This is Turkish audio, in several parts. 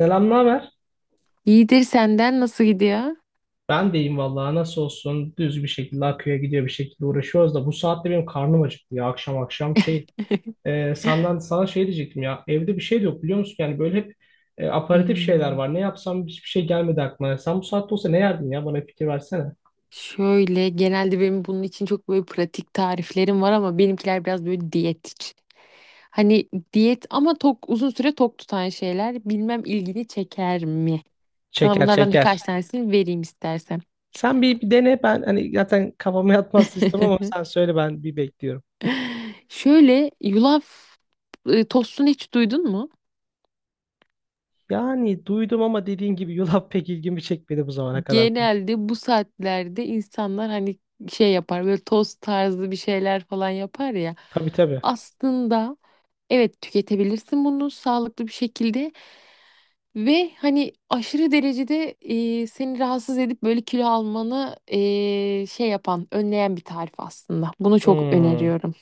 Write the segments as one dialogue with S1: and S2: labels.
S1: Selam, ne haber?
S2: İyidir senden nasıl gidiyor?
S1: Ben deyim vallahi nasıl olsun düz bir şekilde akıyor gidiyor bir şekilde uğraşıyoruz da bu saatte benim karnım acıktı ya akşam akşam şey senden sana şey diyecektim ya evde bir şey de yok biliyor musun yani böyle hep aparatif şeyler
S2: Hmm.
S1: var ne yapsam hiçbir şey gelmedi aklıma sen bu saatte olsa ne yerdin ya bana bir fikir versene.
S2: Şöyle genelde benim bunun için çok böyle pratik tariflerim var ama benimkiler biraz böyle diyet için. Hani diyet ama tok uzun süre tok tutan şeyler bilmem ilgini çeker mi? Sana
S1: Çeker
S2: bunlardan
S1: çeker.
S2: birkaç tanesini vereyim istersen.
S1: Sen bir dene ben hani zaten kafama yatmaz istemem ama sen söyle ben bir bekliyorum.
S2: Şöyle yulaf tostunu hiç duydun mu?
S1: Yani duydum ama dediğin gibi yulaf pek ilgimi çekmedi bu zamana kadar.
S2: Genelde bu saatlerde insanlar hani şey yapar böyle tost tarzı bir şeyler falan yapar ya.
S1: Tabii tabii.
S2: Aslında evet tüketebilirsin bunu sağlıklı bir şekilde ve hani aşırı derecede, seni rahatsız edip böyle kilo almanı, şey yapan önleyen bir tarif aslında. Bunu çok
S1: Hmm.
S2: öneriyorum.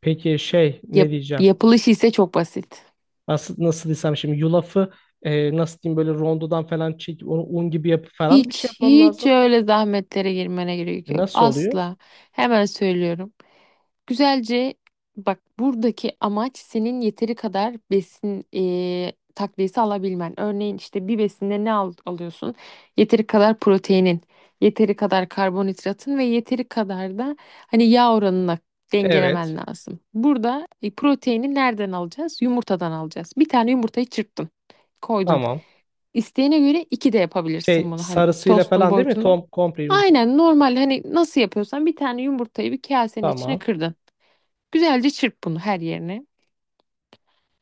S1: Peki şey
S2: Yap,
S1: ne diyeceğim?
S2: yapılışı ise çok basit.
S1: Nasıl desem şimdi yulafı nasıl diyeyim böyle rondodan falan çekip onu un gibi yapıp falan bir şey
S2: Hiç
S1: yapmam
S2: hiç
S1: lazım.
S2: öyle zahmetlere girmene gerek yok
S1: Nasıl oluyor?
S2: asla. Hemen söylüyorum. Güzelce bak, buradaki amaç senin yeteri kadar besin takviyesi alabilmen. Örneğin işte bir besinde ne alıyorsun? Yeteri kadar proteinin, yeteri kadar karbonhidratın ve yeteri kadar da hani yağ oranına
S1: Evet.
S2: dengelemen lazım. Burada proteini nereden alacağız? Yumurtadan alacağız. Bir tane yumurtayı çırptın, koydun.
S1: Tamam.
S2: İsteğine göre iki de yapabilirsin
S1: Şey
S2: bunu, hani
S1: sarısıyla
S2: tostun
S1: falan değil mi?
S2: boyutunu.
S1: Tom komple yumurta.
S2: Aynen, normal hani nasıl yapıyorsan bir tane yumurtayı bir kasenin içine
S1: Tamam.
S2: kırdın. Güzelce çırp bunu her yerine.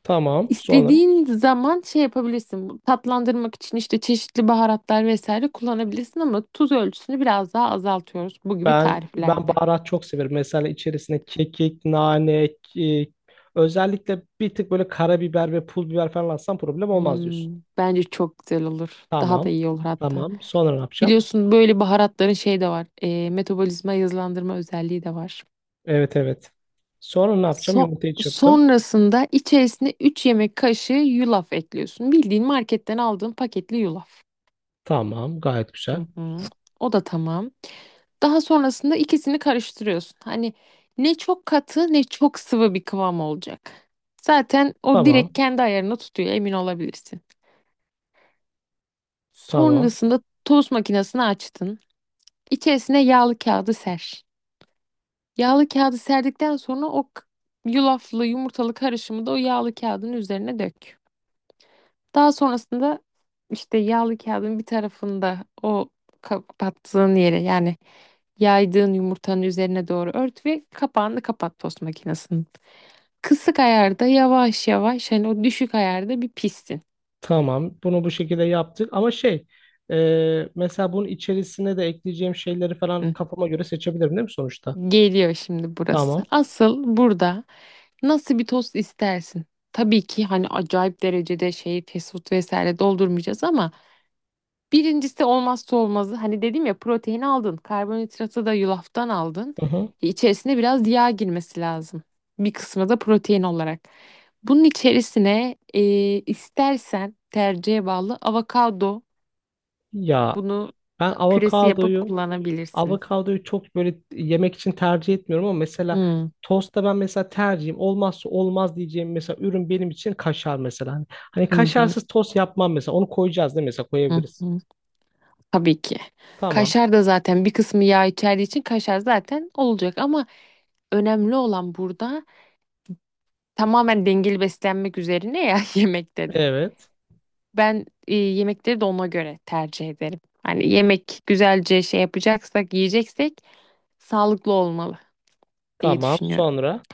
S1: Tamam. Sonra
S2: İstediğin zaman şey yapabilirsin. Tatlandırmak için işte çeşitli baharatlar vesaire kullanabilirsin ama tuz ölçüsünü biraz daha azaltıyoruz bu gibi
S1: ben ben
S2: tariflerde.
S1: baharat çok severim. Mesela içerisine kekik, nane, e, özellikle bir tık böyle karabiber ve pul biber falan atsam problem olmaz diyorsun.
S2: Hmm, bence çok güzel olur. Daha da
S1: Tamam.
S2: iyi olur hatta.
S1: Tamam. Sonra ne yapacağım?
S2: Biliyorsun böyle baharatların şey de var. E, metabolizma hızlandırma özelliği de var.
S1: Evet evet. Sonra ne yapacağım?
S2: So-
S1: Yumurtayı çırptım.
S2: Sonrasında içerisine 3 yemek kaşığı yulaf ekliyorsun. Bildiğin marketten aldığın paketli yulaf.
S1: Tamam. Gayet güzel.
S2: Hı hı. O da tamam. Daha sonrasında ikisini karıştırıyorsun. Hani ne çok katı ne çok sıvı bir kıvam olacak. Zaten o direkt
S1: Tamam.
S2: kendi ayarını tutuyor, emin olabilirsin.
S1: Tamam.
S2: Sonrasında tost makinesini açtın. İçerisine yağlı kağıdı ser. Yağlı kağıdı serdikten sonra o yulaflı yumurtalı karışımı da o yağlı kağıdın üzerine dök. Daha sonrasında işte yağlı kağıdın bir tarafında o kapattığın yere, yani yaydığın yumurtanın üzerine doğru ört ve kapağını kapat tost makinesinin. Kısık ayarda yavaş yavaş, hani o düşük ayarda bir pişsin.
S1: Tamam. Bunu bu şekilde yaptık. Ama şey mesela bunun içerisine de ekleyeceğim şeyleri falan
S2: Hı.
S1: kafama göre seçebilirim değil mi sonuçta?
S2: Geliyor şimdi burası.
S1: Tamam.
S2: Asıl burada nasıl bir tost istersin? Tabii ki hani acayip derecede şey, fast food vesaire doldurmayacağız ama birincisi olmazsa olmazı, hani dedim ya, protein aldın, karbonhidratı da yulaftan aldın.
S1: Hı hı.
S2: E, İçerisine biraz yağ girmesi lazım. Bir kısmı da protein olarak. Bunun içerisine, istersen tercihe bağlı avokado,
S1: Ya
S2: bunu
S1: ben
S2: püresi yapıp
S1: avokadoyu
S2: kullanabilirsin.
S1: avokadoyu çok böyle yemek için tercih etmiyorum ama mesela
S2: Hı
S1: tostta ben mesela tercihim olmazsa olmaz diyeceğim mesela ürün benim için kaşar mesela. Hani
S2: hı. Hı
S1: kaşarsız tost yapmam mesela. Onu koyacağız değil mi? Mesela
S2: hı.
S1: koyabiliriz.
S2: Hı. Tabii ki.
S1: Tamam.
S2: Kaşar da zaten bir kısmı yağ içerdiği için kaşar zaten olacak ama önemli olan burada tamamen dengeli beslenmek üzerine ya, yemekte de.
S1: Evet.
S2: Ben, yemekleri de ona göre tercih ederim. Hani yemek güzelce şey yapacaksak, yiyeceksek sağlıklı olmalı diye
S1: Tamam.
S2: düşünüyorum.
S1: Sonra.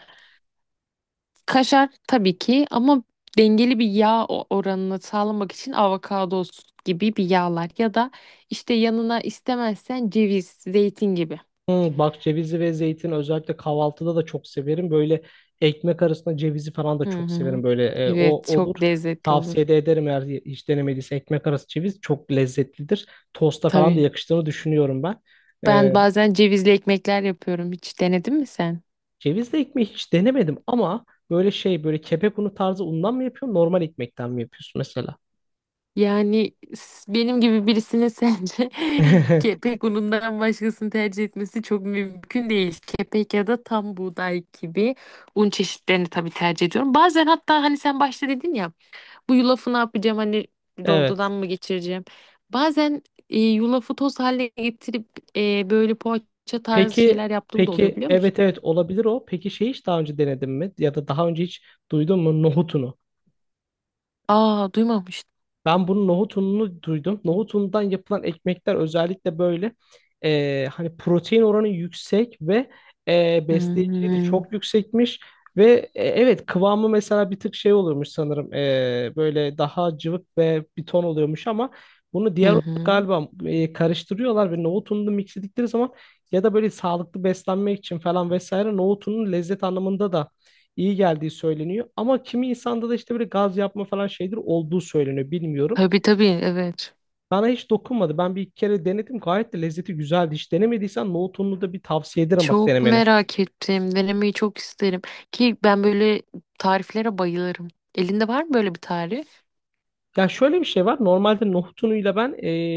S2: Kaşar tabii ki ama dengeli bir yağ oranını sağlamak için avokado gibi bir yağlar ya da işte yanına istemezsen ceviz, zeytin gibi.
S1: Hmm, bak cevizi ve zeytin özellikle kahvaltıda da çok severim. Böyle ekmek arasında cevizi falan da
S2: Hı
S1: çok
S2: hı.
S1: severim. Böyle o
S2: Evet, çok
S1: olur.
S2: lezzetli olur.
S1: Tavsiye de ederim eğer hiç denemediyse ekmek arası ceviz çok lezzetlidir. Tosta falan da
S2: Tabii.
S1: yakıştığını düşünüyorum ben.
S2: Ben
S1: E,
S2: bazen cevizli ekmekler yapıyorum. Hiç denedin mi sen?
S1: Cevizli ekmeği hiç denemedim ama böyle şey böyle kepek unu tarzı undan mı yapıyorsun normal ekmekten mi yapıyorsun mesela?
S2: Yani benim gibi birisine sence kepek unundan başkasını tercih etmesi çok mümkün değil. Kepek ya da tam buğday gibi un çeşitlerini tabii tercih ediyorum. Bazen hatta hani sen başta dedin ya bu yulafı ne yapacağım, hani
S1: Evet.
S2: rondodan mı geçireceğim. Bazen yulafı toz haline getirip böyle poğaça tarzı
S1: Peki
S2: şeyler yaptığım da oluyor,
S1: peki
S2: biliyor musun?
S1: evet evet olabilir o. Peki şey hiç daha önce denedin mi? Ya da daha önce hiç duydun mu nohutunu?
S2: Aa, duymamıştım.
S1: Ben bunun nohut ununu duydum. Nohut unundan yapılan ekmekler özellikle böyle hani protein oranı yüksek ve besleyiciliği de
S2: Hmm.
S1: çok yüksekmiş. Ve evet kıvamı mesela bir tık şey oluyormuş sanırım. Böyle daha cıvık ve bir ton oluyormuş ama bunu diğer
S2: Hı
S1: un
S2: hı.
S1: galiba karıştırıyorlar ve nohut ununu mix ettikleri zaman ya da böyle sağlıklı beslenmek için falan vesaire nohut ununun lezzet anlamında da iyi geldiği söyleniyor. Ama kimi insanda da işte böyle gaz yapma falan şeydir olduğu söyleniyor bilmiyorum.
S2: Tabii tabii, evet.
S1: Bana hiç dokunmadı. Ben bir iki kere denedim. Gayet de lezzeti güzeldi. Hiç denemediysen nohutunlu da bir tavsiye ederim bak
S2: Çok
S1: denemene.
S2: merak ettim. Denemeyi çok isterim. Ki ben böyle tariflere bayılırım. Elinde var mı böyle bir tarif?
S1: Ya şöyle bir şey var. Normalde nohutunuyla ben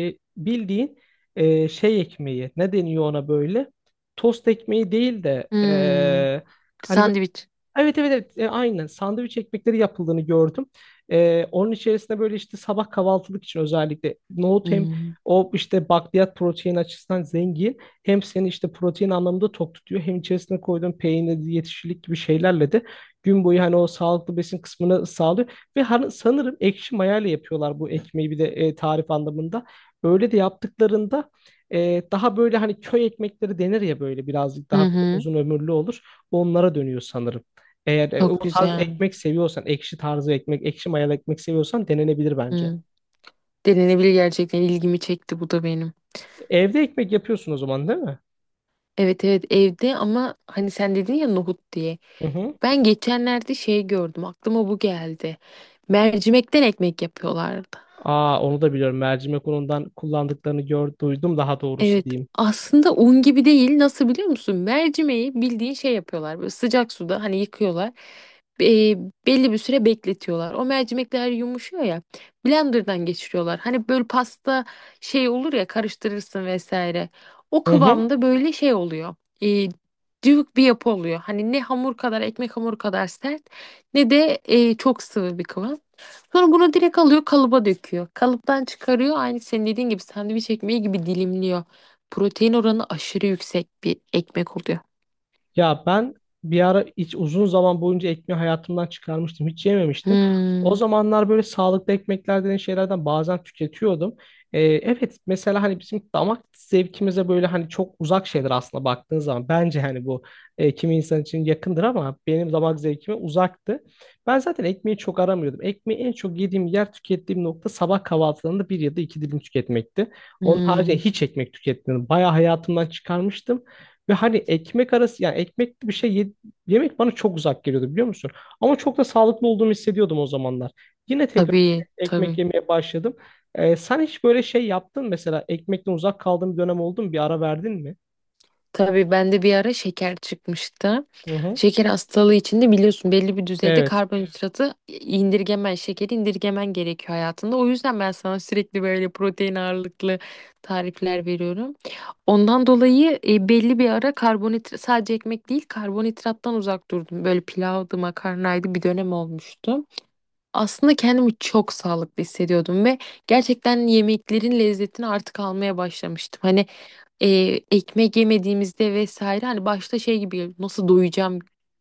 S1: bildiğin şey ekmeği ne deniyor ona böyle? Tost ekmeği değil de
S2: Hmm.
S1: hani
S2: Sandviç.
S1: evet evet evet aynen sandviç ekmekleri yapıldığını gördüm. Onun içerisinde böyle işte sabah kahvaltılık için özellikle nohut hem
S2: Hmm.
S1: o işte bakliyat protein açısından zengin hem seni işte protein anlamında tok tutuyor hem içerisine koyduğun peynir yetişilik gibi şeylerle de gün boyu hani o sağlıklı besin kısmını sağlıyor ve hani sanırım ekşi mayayla yapıyorlar bu ekmeği bir de tarif anlamında. Öyle de yaptıklarında daha böyle hani köy ekmekleri denir ya böyle birazcık
S2: Hı
S1: daha
S2: hı.
S1: uzun ömürlü olur. Onlara dönüyor sanırım. Eğer
S2: Çok
S1: o tarz
S2: güzel.
S1: ekmek seviyorsan, ekşi tarzı ekmek, ekşi mayalı ekmek seviyorsan denenebilir bence.
S2: Hı, denenebilir gerçekten. İlgimi çekti bu da benim.
S1: Evde ekmek yapıyorsun o zaman değil mi?
S2: Evet evet, evde. Ama hani sen dedin ya nohut diye.
S1: Hı hı.
S2: Ben geçenlerde şey gördüm. Aklıma bu geldi. Mercimekten ekmek yapıyorlardı.
S1: Aa onu da biliyorum. Mercimek unundan kullandıklarını duydum daha doğrusu
S2: Evet,
S1: diyeyim.
S2: aslında un gibi değil. Nasıl biliyor musun? Mercimeği bildiğin şey yapıyorlar. Böyle sıcak suda hani yıkıyorlar. Be- Belli bir süre bekletiyorlar. O mercimekler yumuşuyor ya. Blender'dan geçiriyorlar. Hani böyle pasta şey olur ya, karıştırırsın vesaire. O
S1: Hı hı.
S2: kıvamda böyle şey oluyor. E, cıvık bir yapı oluyor. Hani ne hamur kadar, ekmek hamuru kadar sert, ne de çok sıvı bir kıvam. Sonra bunu direkt alıyor kalıba döküyor. Kalıptan çıkarıyor, aynı senin dediğin gibi sandviç ekmeği gibi dilimliyor. Protein oranı aşırı yüksek bir ekmek oluyor.
S1: Ya ben bir ara hiç uzun zaman boyunca ekmeği hayatımdan çıkarmıştım. Hiç yememiştim. O
S2: Hmm.
S1: zamanlar böyle sağlıklı ekmekler denen şeylerden bazen tüketiyordum. Evet mesela hani bizim damak zevkimize böyle hani çok uzak şeyler aslında baktığın zaman. Bence hani bu kimi insan için yakındır ama benim damak zevkime uzaktı. Ben zaten ekmeği çok aramıyordum. Ekmeği en çok yediğim yer tükettiğim nokta sabah kahvaltılarında bir ya da iki dilim tüketmekti. Onun haricinde
S2: Hmm.
S1: hiç ekmek tüketmedim. Bayağı hayatımdan çıkarmıştım. Ve hani ekmek arası yani ekmekli bir şey yemek bana çok uzak geliyordu biliyor musun? Ama çok da sağlıklı olduğumu hissediyordum o zamanlar. Yine tekrar
S2: Tabii,
S1: ekmek
S2: tabii.
S1: yemeye başladım. Sen hiç böyle şey yaptın mesela ekmekten uzak kaldığın bir dönem oldu mu? Bir ara verdin mi?
S2: Tabii, bende bir ara şeker çıkmıştı.
S1: Hı hı.
S2: Şeker hastalığı içinde biliyorsun belli bir düzeyde
S1: Evet.
S2: karbonhidratı indirgemen, şekeri indirgemen gerekiyor hayatında. O yüzden ben sana sürekli böyle protein ağırlıklı tarifler veriyorum. Ondan dolayı belli bir ara karbonhidrat, sadece ekmek değil, karbonhidrattan uzak durdum. Böyle pilavdı, makarnaydı, bir dönem olmuştu. Aslında kendimi çok sağlıklı hissediyordum ve gerçekten yemeklerin lezzetini artık almaya başlamıştım. Hani, e, ekmek yemediğimizde vesaire hani başta şey gibi geliyor, nasıl doyacağım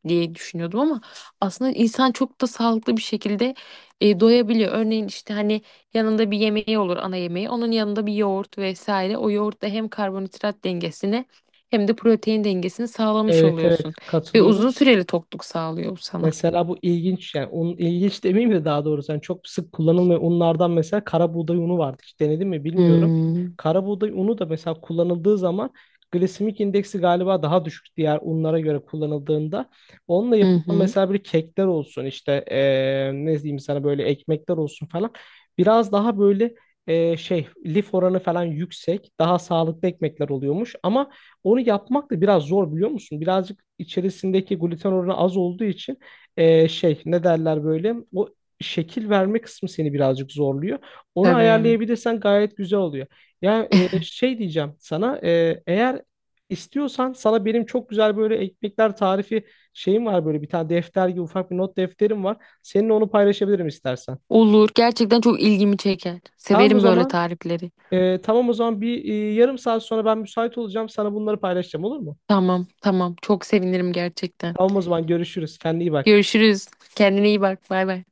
S2: diye düşünüyordum ama aslında insan çok da sağlıklı bir şekilde, doyabiliyor. Örneğin işte hani yanında bir yemeği olur, ana yemeği, onun yanında bir yoğurt vesaire, o yoğurt da hem karbonhidrat dengesini hem de protein dengesini sağlamış
S1: Evet evet
S2: oluyorsun ve uzun
S1: katılıyorum.
S2: süreli tokluk sağlıyor bu sana.
S1: Mesela bu ilginç yani onun ilginç demeyeyim de daha doğrusu yani çok sık kullanılmayan unlardan mesela kara buğday unu vardı. Hiç denedin mi bilmiyorum.
S2: Hmm.
S1: Kara buğday unu da mesela kullanıldığı zaman glisemik indeksi galiba daha düşük diğer unlara göre kullanıldığında. Onunla
S2: Hı
S1: yapılan
S2: hı.
S1: mesela bir kekler olsun işte ne diyeyim sana böyle ekmekler olsun falan. Biraz daha böyle şey lif oranı falan yüksek daha sağlıklı ekmekler oluyormuş. Ama onu yapmak da biraz zor biliyor musun? Birazcık içerisindeki gluten oranı az olduğu için şey ne derler böyle o şekil verme kısmı seni birazcık zorluyor. Onu
S2: Tabii.
S1: ayarlayabilirsen gayet güzel oluyor. Ya şey diyeceğim sana eğer istiyorsan sana benim çok güzel böyle ekmekler tarifi şeyim var böyle bir tane defter gibi ufak bir not defterim var. Seninle onu paylaşabilirim istersen.
S2: Olur. Gerçekten çok ilgimi çeker.
S1: Tamam o
S2: Severim böyle
S1: zaman.
S2: tarifleri.
S1: Tamam o zaman bir yarım saat sonra ben müsait olacağım. Sana bunları paylaşacağım olur mu?
S2: Tamam, tamam. Çok sevinirim gerçekten.
S1: Tamam o zaman görüşürüz. Kendine iyi bak.
S2: Görüşürüz. Kendine iyi bak. Bay bay.